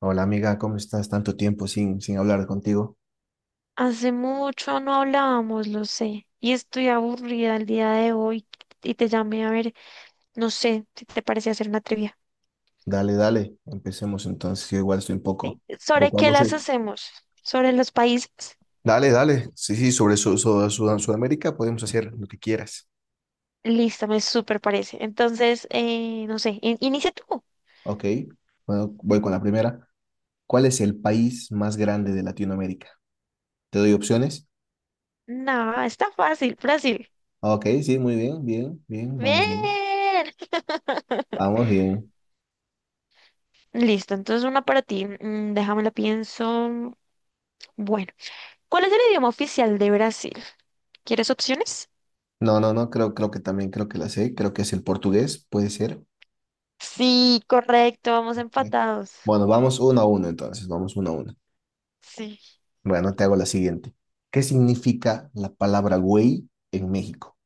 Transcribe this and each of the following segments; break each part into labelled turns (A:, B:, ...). A: Hola amiga, ¿cómo estás? Tanto tiempo sin hablar contigo.
B: Hace mucho no hablábamos, lo sé, y estoy aburrida el día de hoy y te llamé a ver, no sé, si te parece hacer una trivia.
A: Dale, dale, empecemos entonces. Yo igual estoy un
B: ¿Sí?
A: poco, un
B: ¿Sobre
A: poco
B: qué las
A: aburrido.
B: hacemos? ¿Sobre los países?
A: Dale, dale. Sí, sí, sobre Sudamérica podemos hacer lo que quieras.
B: Listo, me súper parece. Entonces, no sé, inicia tú.
A: Ok, bueno, voy con la primera. ¿Cuál es el país más grande de Latinoamérica? ¿Te doy opciones?
B: No, está fácil, Brasil.
A: Ok, sí, muy bien, bien, vamos bien.
B: Bien.
A: Vamos bien.
B: Listo, entonces una para ti. Mm, déjame la pienso. Bueno, ¿cuál es el idioma oficial de Brasil? ¿Quieres opciones?
A: No, no, no, creo que también, creo que la sé. Creo que es el portugués, puede ser.
B: Sí, correcto, vamos
A: Bien.
B: empatados.
A: Bueno, vamos uno a uno entonces, vamos uno a uno.
B: Sí.
A: Bueno, te hago la siguiente. ¿Qué significa la palabra güey en México?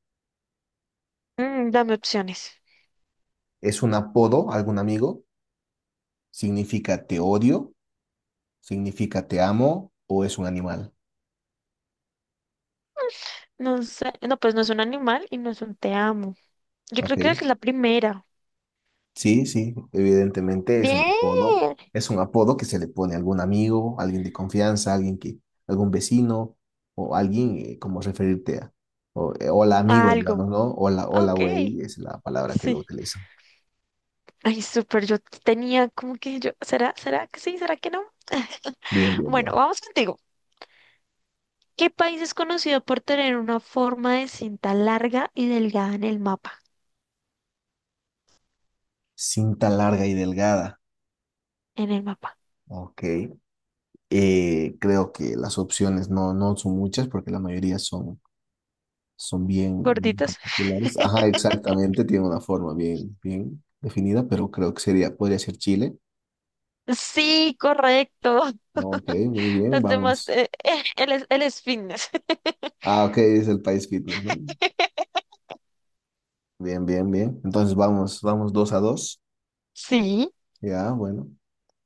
B: Mm, dame opciones.
A: ¿Es un apodo, a algún amigo? ¿Significa te odio? ¿Significa te amo? ¿O es un animal?
B: No sé. No, pues no es un animal y no es un te amo. Yo
A: Ok.
B: creo que es la primera.
A: Sí, sí, evidentemente es un apodo.
B: Bien.
A: Es un apodo que se le pone a algún amigo, alguien de confianza, algún vecino o alguien como referirte a. O, hola amigo,
B: Algo.
A: digamos, ¿no? Hola, hola
B: Ok.
A: güey es la palabra que lo
B: Sí.
A: utilizan.
B: Ay, súper. Yo tenía como que yo. ¿Será? ¿Será que sí? ¿Será que no?
A: Bien, bien,
B: Bueno,
A: bien.
B: vamos contigo. ¿Qué país es conocido por tener una forma de cinta larga y delgada en el mapa?
A: Cinta larga y delgada.
B: En el mapa.
A: Ok. Creo que las opciones no son muchas porque la mayoría son, son bien
B: ¿Gorditos?
A: particulares. Ajá, exactamente, tiene una forma bien definida, pero creo que sería, podría ser Chile.
B: Sí, correcto.
A: No, ok, muy bien,
B: Los demás,
A: vamos.
B: él es fitness.
A: Ah, ok, es el país fitness, ¿no? Bien, bien, bien. Entonces vamos, vamos dos a dos.
B: Sí.
A: Ya, bueno.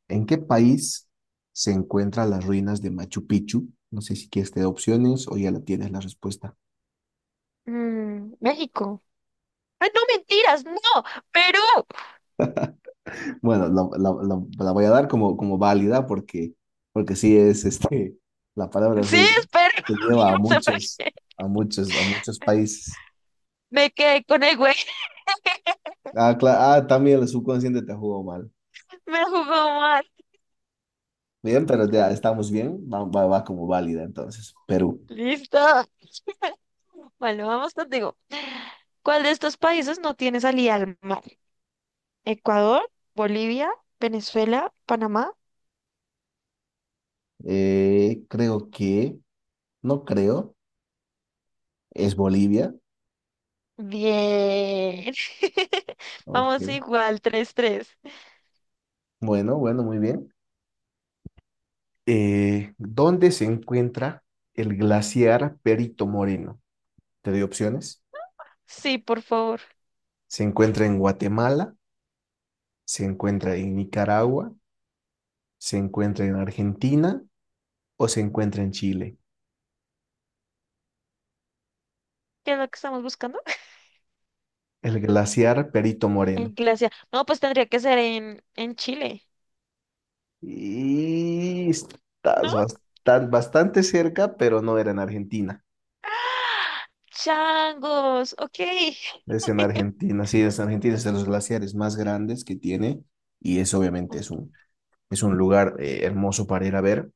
A: ¿En qué país se encuentran las ruinas de Machu Picchu? No sé si quieres te doy opciones o ya la tienes la respuesta.
B: Mm, México. Ay, no mentiras, no, Perú.
A: Bueno, la voy a dar como, como válida porque, porque sí es este, la palabra
B: Sí,
A: ruina
B: es Perú.
A: que lleva a
B: No sé por
A: muchos,
B: qué.
A: a muchos, a muchos países.
B: Me quedé con el güey,
A: Ah, también el subconsciente te jugó mal.
B: me jugó mal.
A: Bien, pero ya estamos bien, va, va, va como válida entonces. Perú.
B: Listo. Bueno, vamos contigo. ¿Cuál de estos países no tiene salida al mar? Ecuador, Bolivia, Venezuela, Panamá.
A: Creo que, no creo, es Bolivia.
B: Bien.
A: Ok.
B: Vamos igual, tres tres.
A: Bueno, bueno, muy bien. ¿Dónde se encuentra el glaciar Perito Moreno? Te doy opciones.
B: Sí, por favor.
A: ¿Se encuentra en Guatemala? ¿Se encuentra en Nicaragua? ¿Se encuentra en Argentina? ¿O se encuentra en Chile?
B: ¿Qué es lo que estamos buscando?
A: El glaciar Perito Moreno.
B: En Glacia. No, pues tendría que ser en Chile,
A: Y
B: ¿no?
A: estás bastante, bastante cerca, pero no era en Argentina.
B: ¡Ah! Changos, ok.
A: Es en Argentina, sí, es en Argentina, es de los glaciares más grandes que tiene y es obviamente es un lugar hermoso para ir a ver.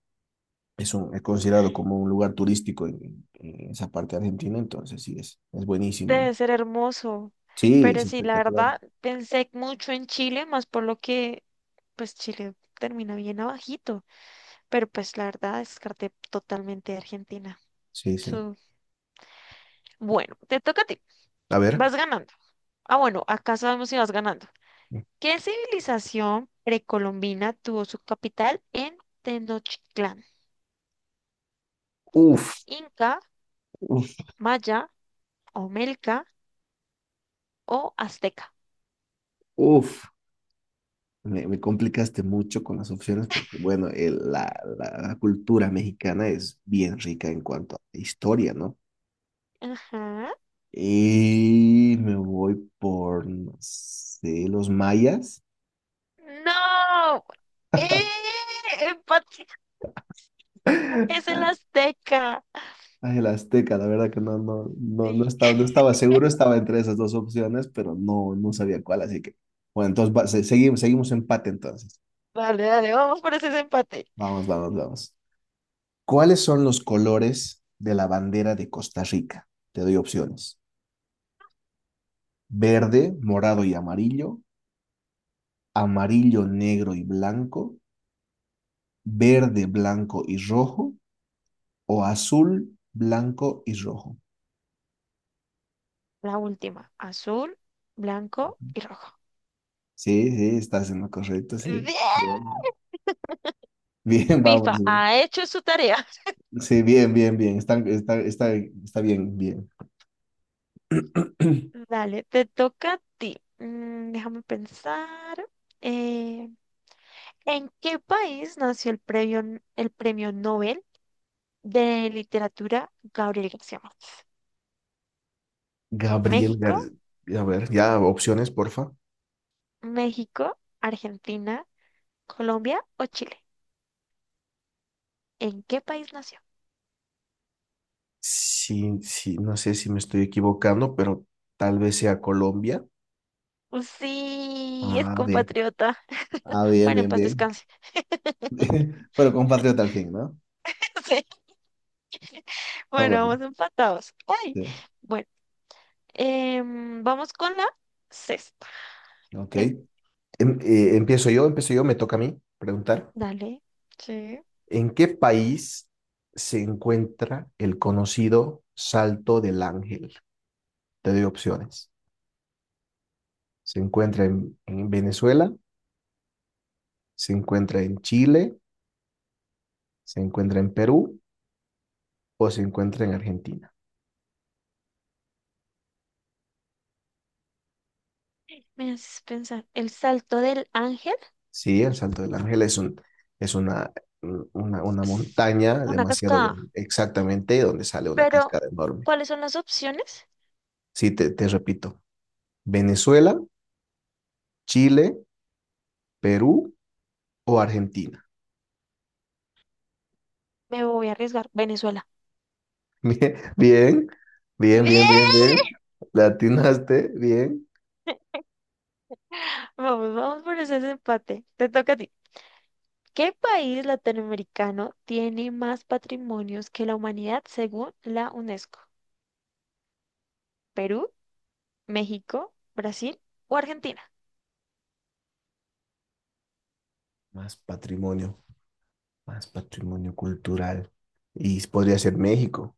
A: Es considerado como un lugar turístico en esa parte de Argentina, entonces sí, es buenísimo, ¿no?
B: Debe ser hermoso.
A: Sí, es
B: Pero sí, la
A: espectacular.
B: verdad, pensé mucho en Chile, más por lo que, pues Chile termina bien abajito. Pero pues la verdad, descarté totalmente Argentina.
A: Sí, sí.
B: So, bueno, te toca a ti.
A: A ver.
B: Vas ganando. Ah, bueno, acá sabemos si vas ganando. ¿Qué civilización precolombina tuvo su capital en Tenochtitlán?
A: Uf.
B: ¿Inca,
A: Uf,
B: Maya, Olmeca o Azteca?
A: uf, me complicaste mucho con las opciones porque, bueno, la cultura mexicana es bien rica en cuanto a historia, ¿no?
B: Ajá.
A: Y me voy por, no sé, los mayas.
B: No, ¡eh! Empate, es el Azteca.
A: Ay, el azteca, la verdad que no, no, no,
B: Sí.
A: no estaba seguro, estaba entre esas dos opciones, pero no, no sabía cuál, así que, bueno, entonces seguimos, seguimos empate entonces.
B: Dale, dale, vamos por ese empate.
A: Vamos, vamos, vamos. ¿Cuáles son los colores de la bandera de Costa Rica? Te doy opciones. Verde, morado y amarillo, amarillo, negro y blanco, verde, blanco y rojo, o azul, blanco y rojo.
B: La última, azul, blanco y rojo.
A: Sí, sí, estás en lo correcto, sí.
B: ¡Bien!
A: Bien, bien, vamos
B: FIFA
A: bien.
B: ha hecho su tarea.
A: Sí, bien, bien, bien. Está bien, bien.
B: Dale, te toca a ti. Mm, déjame pensar. Eh, ¿En qué país nació el premio Nobel de literatura Gabriel García Márquez?
A: Gabriel
B: ¿México,
A: García. A ver, ya opciones, porfa.
B: Argentina, Colombia o Chile? ¿En qué país nació?
A: Sí, sí, no sé si me estoy equivocando, pero tal vez sea Colombia.
B: Pues sí, es
A: Ah, bien.
B: compatriota.
A: Ah, bien,
B: Bueno, en
A: bien,
B: paz
A: bien.
B: descanse.
A: Pero compatriota al fin, ¿no?
B: Sí,
A: Ah,
B: bueno,
A: bueno.
B: vamos empatados. Ay,
A: Sí.
B: bueno, em, vamos con la sexta.
A: Ok.
B: Pre-
A: Empiezo yo, empiezo yo, me toca a mí preguntar.
B: Dale, sí.
A: ¿En qué país se encuentra el conocido Salto del Ángel? Te doy opciones. ¿Se encuentra en Venezuela? ¿Se encuentra en Chile? ¿Se encuentra en Perú? ¿O se encuentra en Argentina?
B: Me haces pensar. El salto del ángel
A: Sí, el Salto del Ángel es una
B: es
A: montaña
B: una
A: demasiado
B: cascada.
A: grande, exactamente donde sale una
B: Pero,
A: cascada enorme.
B: ¿cuáles son las opciones?
A: Sí, te repito. Venezuela, Chile, Perú o Argentina.
B: Me voy a arriesgar. Venezuela.
A: Bien, bien, bien,
B: Bien.
A: Le atinaste, bien.
B: Vamos, vamos por ese empate. Te toca a ti. ¿Qué país latinoamericano tiene más patrimonios que la humanidad según la UNESCO? ¿Perú, México, Brasil o Argentina?
A: Más patrimonio, más patrimonio cultural. Y podría ser México.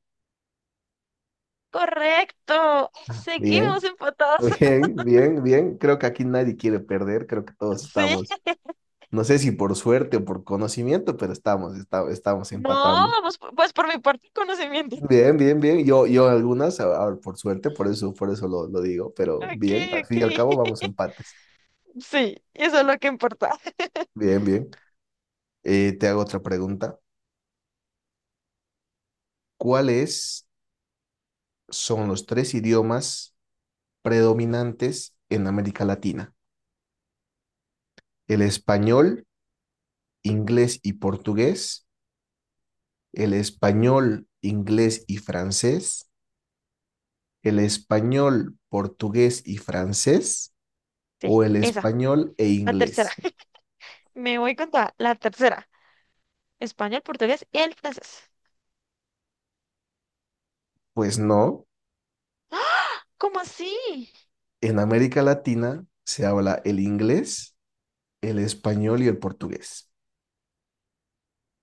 B: Correcto.
A: Ah,
B: Seguimos
A: bien,
B: empatados.
A: bien, bien, bien. Creo que aquí nadie quiere perder. Creo que todos
B: Sí.
A: estamos, no sé si por suerte o por conocimiento, pero estamos
B: No,
A: empatando.
B: vamos, pues por mi parte, conocimiento.
A: Bien, bien, bien. Yo algunas, por suerte, por eso lo digo, pero
B: Ok,
A: bien, al
B: ok.
A: fin y al cabo vamos a empates.
B: Sí, eso es lo que importa.
A: Bien, bien. Te hago otra pregunta. ¿Cuáles son los tres idiomas predominantes en América Latina? El español, inglés y portugués, el español, inglés y francés, el español, portugués y francés
B: Sí,
A: o el
B: esa,
A: español e
B: la tercera.
A: inglés.
B: Me voy con toda, la tercera. Español, portugués y el francés.
A: Pues no,
B: ¿Cómo así?
A: en América Latina se habla el inglés, el español y el portugués.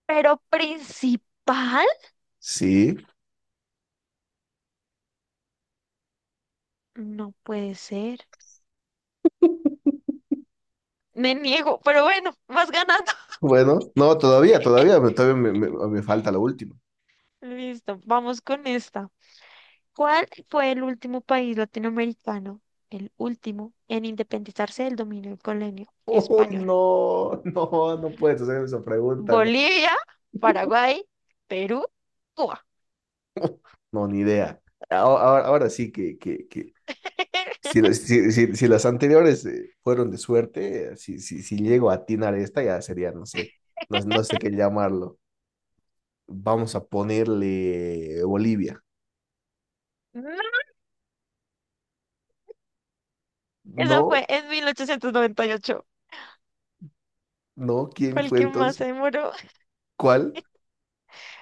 B: ¿Pero principal?
A: Sí,
B: No puede ser. Me niego, pero bueno, vas ganando.
A: bueno, no, todavía me falta la última.
B: Listo, vamos con esta. ¿Cuál fue el último país latinoamericano, el último, en independizarse del dominio colonial
A: Uy,
B: español?
A: no, no, no puedes hacer esa pregunta, no,
B: Bolivia, Paraguay, Perú, Cuba.
A: no, ni idea. Ahora sí que si, si las anteriores fueron de suerte, si, si llego a atinar esta, ya sería, no sé, no, no sé qué llamarlo. Vamos a ponerle Bolivia.
B: No, esa
A: No,
B: fue en 1898.
A: no, ¿quién
B: Fue el
A: fue
B: que más
A: entonces?
B: se demoró.
A: ¿Cuál?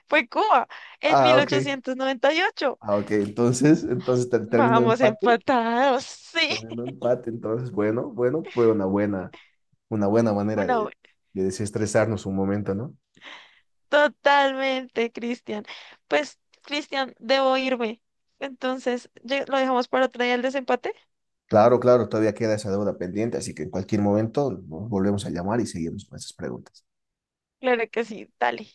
B: Fue Cuba en
A: Ah,
B: mil
A: ok.
B: ochocientos noventa y ocho
A: Ah, ok, entonces, entonces
B: Vamos empatados. Sí,
A: terminó empate, entonces, bueno, bueno, fue una buena. Una buena manera
B: una.
A: de desestresarnos un momento, ¿no?
B: Totalmente, Cristian. Pues, Cristian, debo irme. Entonces, ¿lo dejamos para otro día el desempate?
A: Claro, claro, todavía queda esa deuda pendiente, así que en cualquier momento nos volvemos a llamar y seguimos con esas preguntas.
B: Claro que sí, dale.